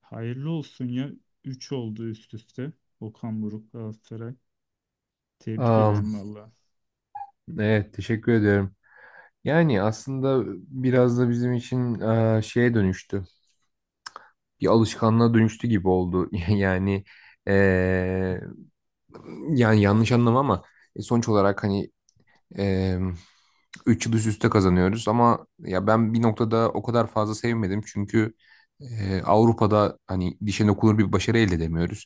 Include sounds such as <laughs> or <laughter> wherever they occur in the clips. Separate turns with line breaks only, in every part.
Hayırlı olsun ya. Üç oldu üst üste. Okan Buruk, Galatasaray. Tebrik
Am,
ederim valla.
evet, teşekkür ediyorum. Yani aslında biraz da bizim için şeye dönüştü. Bir alışkanlığa dönüştü gibi oldu. <laughs> E, yani yanlış anlama ama sonuç olarak hani Ee, 3 yıl üst üste kazanıyoruz ama ya ben bir noktada o kadar fazla sevmedim çünkü Avrupa'da hani dişe dokunur bir başarı elde edemiyoruz.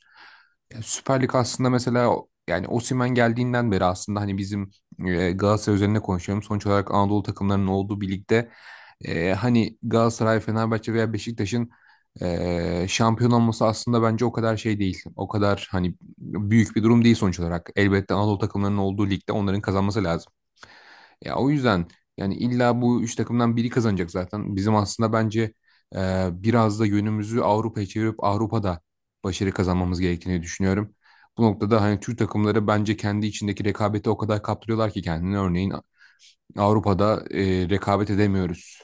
Ya Süper Lig aslında mesela yani Osimhen geldiğinden beri aslında hani bizim Galatasaray üzerine konuşuyorum. Sonuç olarak Anadolu takımlarının olduğu bir ligde hani Galatasaray, Fenerbahçe veya Beşiktaş'ın şampiyon olması aslında bence o kadar şey değil. O kadar hani büyük bir durum değil sonuç olarak. Elbette Anadolu takımlarının olduğu ligde onların kazanması lazım. Ya o yüzden yani illa bu üç takımdan biri kazanacak zaten. Bizim aslında bence biraz da yönümüzü Avrupa'ya çevirip Avrupa'da başarı kazanmamız gerektiğini düşünüyorum. Bu noktada hani Türk takımları bence kendi içindeki rekabeti o kadar kaptırıyorlar ki kendini. Örneğin Avrupa'da rekabet edemiyoruz.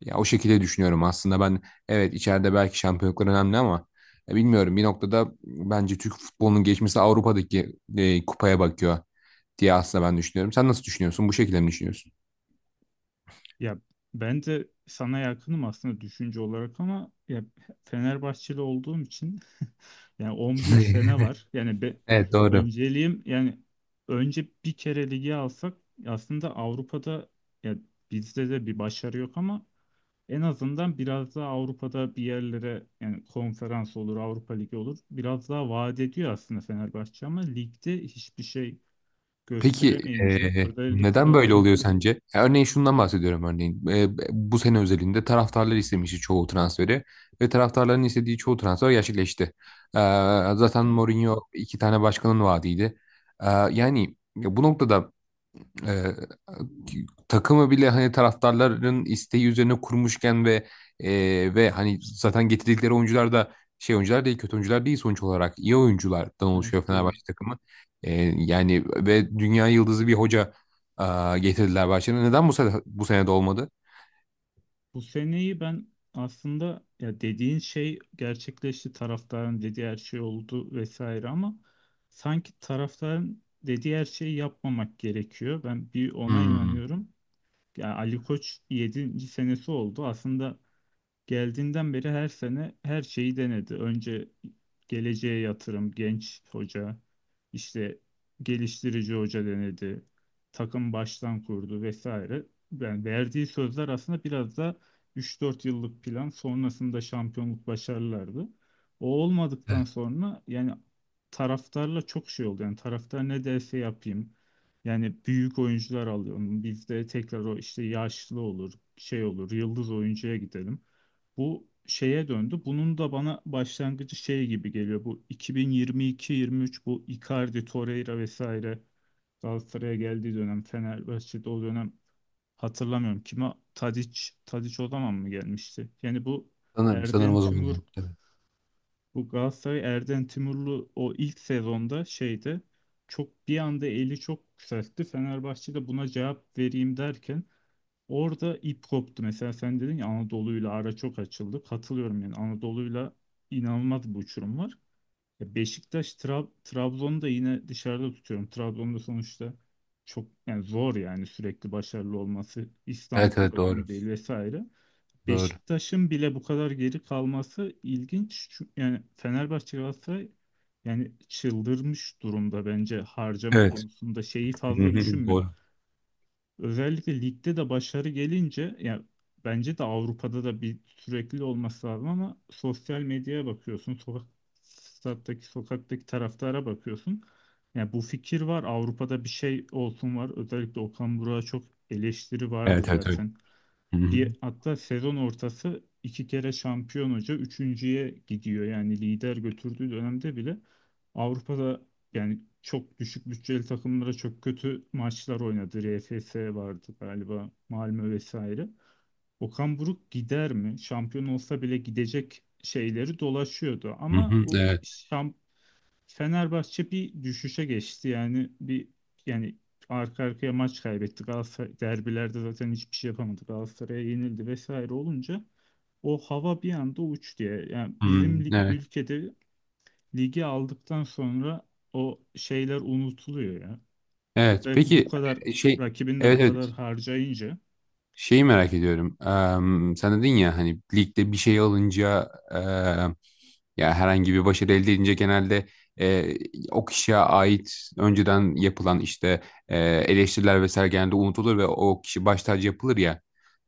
Ya o şekilde düşünüyorum aslında ben, evet, içeride belki şampiyonluklar önemli ama bilmiyorum bir noktada bence Türk futbolunun geçmesi Avrupa'daki kupaya bakıyor diye aslında ben düşünüyorum. Sen nasıl düşünüyorsun? Bu şekilde mi düşünüyorsun?
Ya ben de sana yakınım aslında düşünce olarak ama ya Fenerbahçeli olduğum için yani 11
<laughs>
sene var. Yani be,
Evet, doğru.
önceliğim yani önce bir kere ligi alsak aslında Avrupa'da, ya bizde de bir başarı yok ama en azından biraz daha Avrupa'da bir yerlere yani konferans olur, Avrupa Ligi olur. Biraz daha vaat ediyor aslında Fenerbahçe ama ligde hiçbir şey
Peki,
gösteremeyince
neden
özellikle
böyle oluyor sence? Ya örneğin şundan bahsediyorum örneğin. Bu sene özelinde taraftarlar istemişti çoğu transferi ve taraftarların istediği çoğu transfer gerçekleşti. Zaten
evet,
Mourinho iki tane başkanın vaadiydi. Yani bu noktada e, takımı bile hani taraftarların isteği üzerine kurmuşken ve ve hani zaten getirdikleri oyuncular da şey oyuncular değil, kötü oyuncular değil, sonuç olarak iyi oyunculardan oluşuyor
evet değil.
Fenerbahçe takımı. E, Yani ve dünya yıldızı bir hoca getirdiler Bahçe'ne. Neden bu sene, bu sene de olmadı?
Bu seneyi ben aslında ya dediğin şey gerçekleşti. Taraftarın dediği her şey oldu vesaire ama sanki taraftarın dediği her şeyi yapmamak gerekiyor. Ben bir ona
Hmm.
inanıyorum. Ya Ali Koç yedinci senesi oldu. Aslında geldiğinden beri her sene her şeyi denedi. Önce geleceğe yatırım, genç hoca, işte geliştirici hoca denedi. Takım baştan kurdu vesaire. Yani verdiği sözler aslında biraz da 3-4 yıllık plan sonrasında şampiyonluk başarılardı. O olmadıktan
Evet,
sonra yani taraftarla çok şey oldu. Yani taraftar ne derse yapayım. Yani büyük oyuncular alıyorum. Bizde tekrar o işte yaşlı olur, şey olur, yıldız oyuncuya gidelim. Bu şeye döndü. Bunun da bana başlangıcı şey gibi geliyor. Bu 2022-23 bu Icardi, Torreira vesaire Galatasaray'a geldiği dönem Fenerbahçe'de o dönem hatırlamıyorum. Kime Tadic o zaman mı gelmişti? Yani bu
sanırım
Erden
o zaman
Tümur
yaptı.
bu Galatasaray Erden Timurlu o ilk sezonda şeyde çok bir anda eli çok yükseltti. Fenerbahçe de buna cevap vereyim derken orada ip koptu. Mesela sen dedin ya Anadolu'yla ara çok açıldı. Katılıyorum yani Anadolu'yla inanılmaz bir uçurum var. Ya Beşiktaş, Trabzon'u da yine dışarıda tutuyorum. Trabzon'da sonuçta çok yani zor yani sürekli başarılı olması
Evet,
İstanbul
evet, evet, doğru.
takımı değil vesaire.
Doğru.
Beşiktaş'ın bile bu kadar geri kalması ilginç. Çünkü yani Fenerbahçe Galatasaray yani çıldırmış durumda bence harcama
Evet.
konusunda şeyi
Hı
fazla
hı.
düşünmüyor.
Doğru.
Özellikle ligde de başarı gelince yani bence de Avrupa'da da bir sürekli olması lazım ama sosyal medyaya bakıyorsun, stattaki sokaktaki taraftara bakıyorsun. Yani bu fikir var. Avrupa'da bir şey olsun var. Özellikle Okan Burak'a çok eleştiri vardı
Evet, evet, evet.
zaten.
Hı hı,
Bir, hatta sezon ortası iki kere şampiyon hoca üçüncüye gidiyor. Yani lider götürdüğü dönemde bile Avrupa'da yani çok düşük bütçeli takımlara çok kötü maçlar oynadı. RFS vardı galiba, Malmö vesaire. Okan Buruk gider mi? Şampiyon olsa bile gidecek şeyleri dolaşıyordu.
hı
Ama
hı,
o
evet.
şamp Fenerbahçe bir düşüşe geçti yani bir yani arka arkaya maç kaybettik. Galatasaray derbilerde zaten hiçbir şey yapamadık. Galatasaray'a yenildi vesaire olunca o hava bir anda uç diye. Yani
Hı
bizim
hı, evet.
ülkede ligi aldıktan sonra o şeyler unutuluyor ya.
Evet.
Özellikle
Peki.
bu kadar
şey
rakibin de
Evet,
bu kadar
evet.
harcayınca
Şeyi merak ediyorum. Sen dedin ya hani ligde bir şey alınca, ya herhangi bir başarı elde edince, genelde e, o kişiye ait önceden yapılan işte eleştiriler vesaire genelde unutulur ve o kişi baş tacı yapılır ya.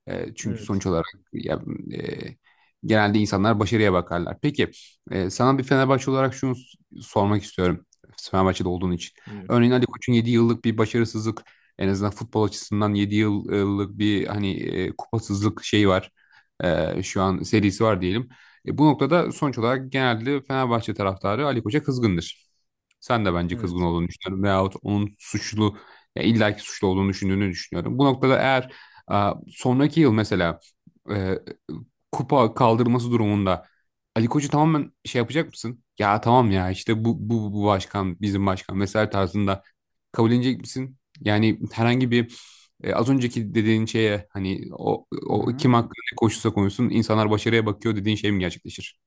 Çünkü
evet,
sonuç olarak ya, e, genelde insanlar başarıya bakarlar. Peki, sana bir Fenerbahçe olarak şunu sormak istiyorum. Fenerbahçe'de olduğun için.
buyur.
Örneğin Ali Koç'un 7 yıllık bir başarısızlık, en azından futbol açısından 7 yıllık bir hani kupasızlık şeyi var. Şu an serisi var diyelim. Bu noktada sonuç olarak genelde Fenerbahçe taraftarı Ali Koç'a kızgındır. Sen de bence kızgın
Evet.
olduğunu düşünüyorum, veyahut onun suçlu, ya illaki suçlu olduğunu düşündüğünü düşünüyorum. Bu noktada eğer sonraki yıl mesela e, kupa kaldırması durumunda Ali Koç'u tamamen şey yapacak mısın? Ya tamam, ya işte bu başkan, bizim başkan vesaire tarzında kabul edecek misin? Yani herhangi bir az önceki dediğin şeye hani o,
Hı
o
hı.
kim hakkında ne konuşursa konuşsun insanlar başarıya bakıyor dediğin şey mi gerçekleşir?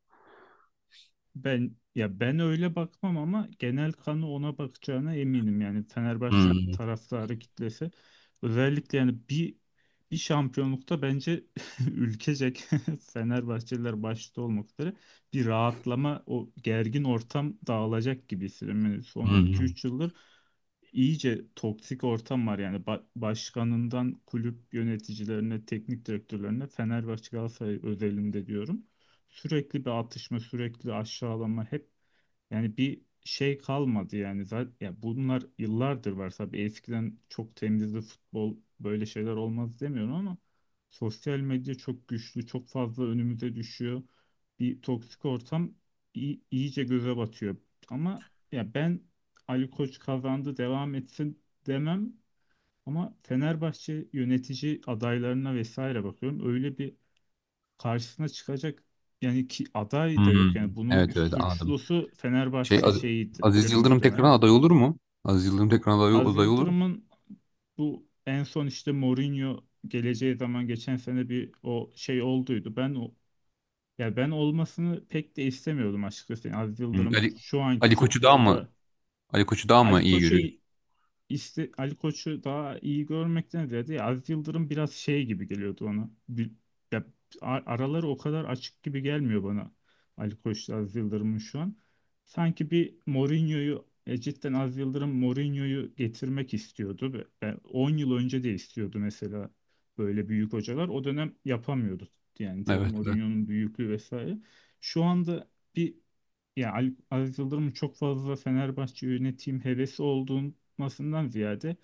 Ben, ya, ben öyle bakmam ama genel kanı ona bakacağına eminim. Yani Fenerbahçe
Hmm,
taraftarı kitlesi özellikle yani bir şampiyonlukta bence <laughs> ülkecek <laughs> Fenerbahçeliler başta olmak üzere bir rahatlama, o gergin ortam dağılacak gibi hissediyorum. Yani son iki
hmm,
üç yıldır iyice toksik ortam var yani başkanından kulüp yöneticilerine, teknik direktörlerine, Fenerbahçe Galatasaray özelinde diyorum, sürekli bir atışma, sürekli aşağılama, hep yani bir şey kalmadı yani zaten ya bunlar yıllardır var tabii, eskiden çok temizdi futbol böyle şeyler olmaz demiyorum ama sosyal medya çok güçlü, çok fazla önümüze düşüyor. Bir toksik ortam iyice göze batıyor. Ama ya ben Ali Koç kazandı devam etsin demem ama Fenerbahçe yönetici adaylarına vesaire bakıyorum. Öyle bir karşısına çıkacak yani ki aday da
hmm.
yok. Yani bunun
Evet, evet, anladım.
suçlusu
Şey
Fenerbahçe
Az- Aziz
şeyidir
Yıldırım tekrar
muhtemelen.
aday olur mu? Aziz Yıldırım tekrar aday,
Az
aday olur mu?
Yıldırım'ın bu en son işte Mourinho geleceği zaman geçen sene bir o şey olduydu. Ben o, ya, ben olmasını pek de istemiyordum açıkçası. Yani Aziz
Hı,
Yıldırım
Ali,
şu anki
Ali Koç'u daha mı
futbolda Ali
İyi
Koç'u.
görüyorsun?
İşte Ali Koç'u daha iyi görmekten ziyade ya Aziz Yıldırım biraz şey gibi geliyordu ona. Ya araları o kadar açık gibi gelmiyor bana, Ali Koç'la Aziz Yıldırım'ın şu an. Sanki bir Mourinho'yu cidden Aziz Yıldırım Mourinho'yu getirmek istiyordu. Ve 10 yıl önce de istiyordu mesela böyle büyük hocalar. O dönem yapamıyordu. Yani tabii
Evet. Evet.
Mourinho'nun büyüklüğü vesaire. Şu anda bir ya Aziz Yıldırım'ın çok fazla Fenerbahçe yönetim hevesi olduğundan ziyade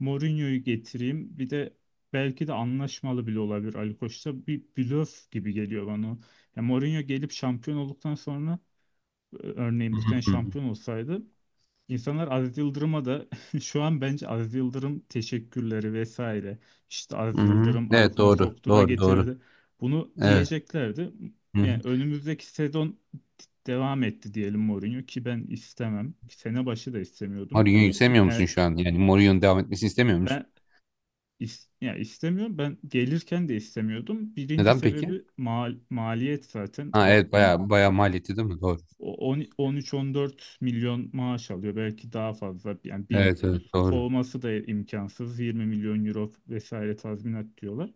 Mourinho'yu getireyim. Bir de belki de anlaşmalı bile olabilir Ali Koç'ta. Bir blöf gibi geliyor bana. Ya Mourinho gelip şampiyon olduktan sonra örneğin bu sene
Hı hı.
şampiyon olsaydı İnsanlar Aziz Yıldırım'a da <laughs> şu an bence Aziz Yıldırım teşekkürleri vesaire işte
Hı
Aziz
hı.
Yıldırım
Evet,
aklına
doğru.
soktu da
Doğru, doğru.
getirdi. Bunu
Evet.
diyeceklerdi.
Hı hı.
Yani önümüzdeki sezon devam etti diyelim Mourinho, ki ben istemem. Sene başı da istemiyordum.
Mourinho'yu sevmiyor musun
Yani
şu an? Yani Mourinho'nun devam etmesini istemiyor musun?
ben istemiyorum. Ben gelirken de istemiyordum. Birinci
Neden peki?
sebebi maliyet zaten.
Ha, evet, bayağı bayağı maliyeti değil mi? Doğru.
13-14 milyon maaş alıyor. Belki daha fazla yani
Evet, evet,
bilmiyoruz.
doğru.
Kovması da imkansız. 20 milyon euro vesaire tazminat diyorlar.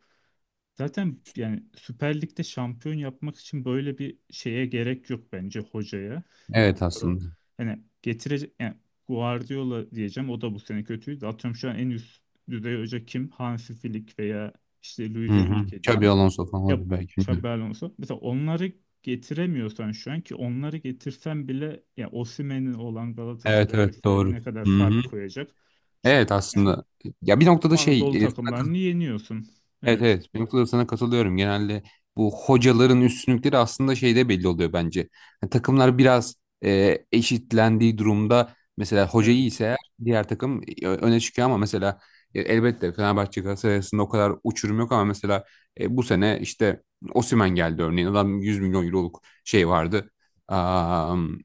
Zaten yani Süper Lig'de şampiyon yapmak için böyle bir şeye gerek yok bence hocaya. Yani
Evet,
bu kadar
aslında.
hani getirecek yani Guardiola diyeceğim, o da bu sene kötüydü. Atıyorum şu an en üst düzey hoca kim? Hansi Flick veya işte
Hı
Luis
hı.
Enrique
Xabi
diyelim.
Alonso falan
Ya
olabilir belki, bilmiyorum.
Xabi Alonso. Mesela onları getiremiyorsan şu an ki, onları getirsen bile ya Osimhen'in olan
Evet,
Galatasaray'a
evet,
vesaire
doğru.
ne kadar
Hı hı.
fark koyacak? Çünkü
Evet,
yani
aslında. Ya bir
tüm
noktada şey,
Anadolu
sana...
takımlarını yeniyorsun.
Evet,
Evet.
evet, benim kadar sana katılıyorum. Genelde bu hocaların üstünlükleri aslında şeyde belli oluyor bence. Yani takımlar biraz eşitlendiği durumda, mesela hoca iyi
Evet.
ise eğer diğer takım öne çıkıyor. Ama mesela elbette Fenerbahçe Galatasaray arasında o kadar uçurum yok. Ama mesela bu sene işte Osimhen geldi örneğin. Adam 100 milyon euroluk şey vardı. Am,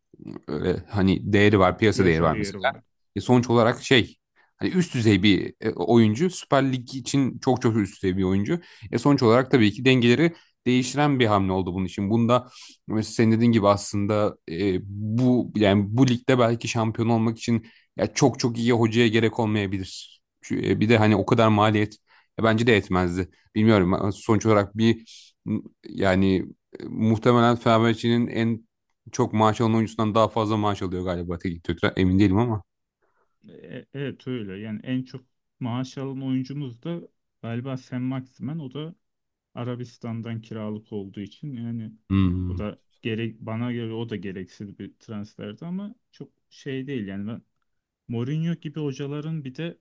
Öyle hani değeri var, piyasa değeri
Piyasa
var
değeri
mesela.
var.
Sonuç olarak şey, hani üst düzey bir oyuncu. Süper Lig için çok çok üst düzey bir oyuncu. Sonuç olarak tabii ki dengeleri değiştiren bir hamle oldu bunun için. Bunda mesela senin dediğin gibi aslında, bu yani bu ligde belki şampiyon olmak için ya çok çok iyi hocaya gerek olmayabilir. Bir de hani o kadar maliyet bence de etmezdi. Bilmiyorum. Sonuç olarak bir yani muhtemelen Fenerbahçe'nin en çok maaş alan oyuncusundan daha fazla maaş alıyor galiba teknik direktör. Emin değilim ama.
Evet öyle. Yani en çok maaş alan oyuncumuz da galiba Sen Maximen. O da Arabistan'dan kiralık olduğu için yani o
Hmm.
da gerek bana göre o da gereksiz bir transferdi ama çok şey değil yani Mourinho gibi hocaların bir de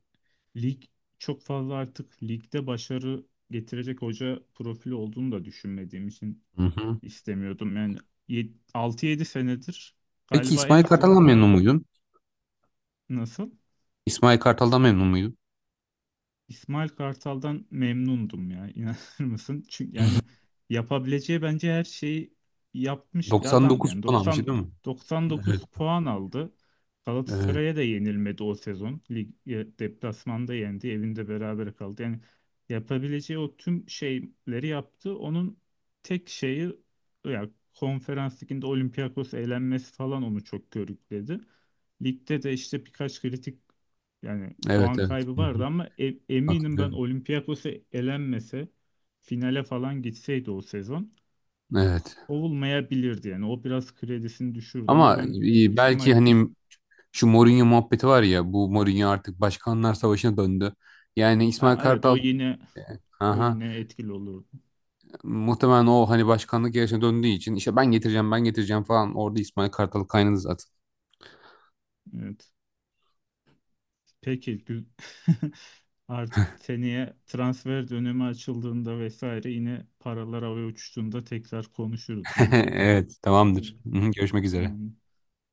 lig çok fazla artık ligde başarı getirecek hoca profili olduğunu da düşünmediğim için
Hı hı.
istemiyordum. Yani 6-7 senedir
Peki,
galiba
İsmail
en
Kartal'dan
son
memnun muydun?
nasıl?
İsmail Kartal'dan memnun muydun?
İsmail Kartal'dan memnundum ya <laughs> inanır mısın? Çünkü yani yapabileceği bence her şeyi yapmış bir adamdı.
99
Yani
puan almıştı
90.
değil mi? Evet,
99 puan aldı.
evet,
Galatasaray'a da yenilmedi o sezon. Lig deplasmanda yendi, evinde berabere kaldı. Yani yapabileceği o tüm şeyleri yaptı. Onun tek şeyi ya konferans liginde Olympiakos eğlenmesi falan onu çok körükledi. Ligde de işte birkaç kritik yani
evet,
puan
evet.
kaybı
Hı
vardı
hı.
ama eminim, ben
Hatırlıyorum.
Olympiakos'a elenmese finale falan gitseydi o sezon
Evet.
olmayabilirdi yani. O biraz kredisini düşürdü ama
Ama
ben İsmail
belki
Ka-
hani şu Mourinho muhabbeti var ya, bu Mourinho artık Başkanlar Savaşı'na döndü. Yani İsmail
Ha, evet, o
Kartal...
yine o
Aha.
yine etkili olurdu.
Muhtemelen o hani başkanlık yarışına döndüğü için işte ben getireceğim, ben getireceğim falan, orada İsmail Kartal kaynadı zaten.
Evet. Peki, <laughs> artık seneye transfer dönemi açıldığında vesaire yine paralar havaya uçuştuğunda tekrar konuşuruz
<laughs>
bunu.
Evet,
Evet.
tamamdır. Hı hı. Görüşmek üzere.
Tamam.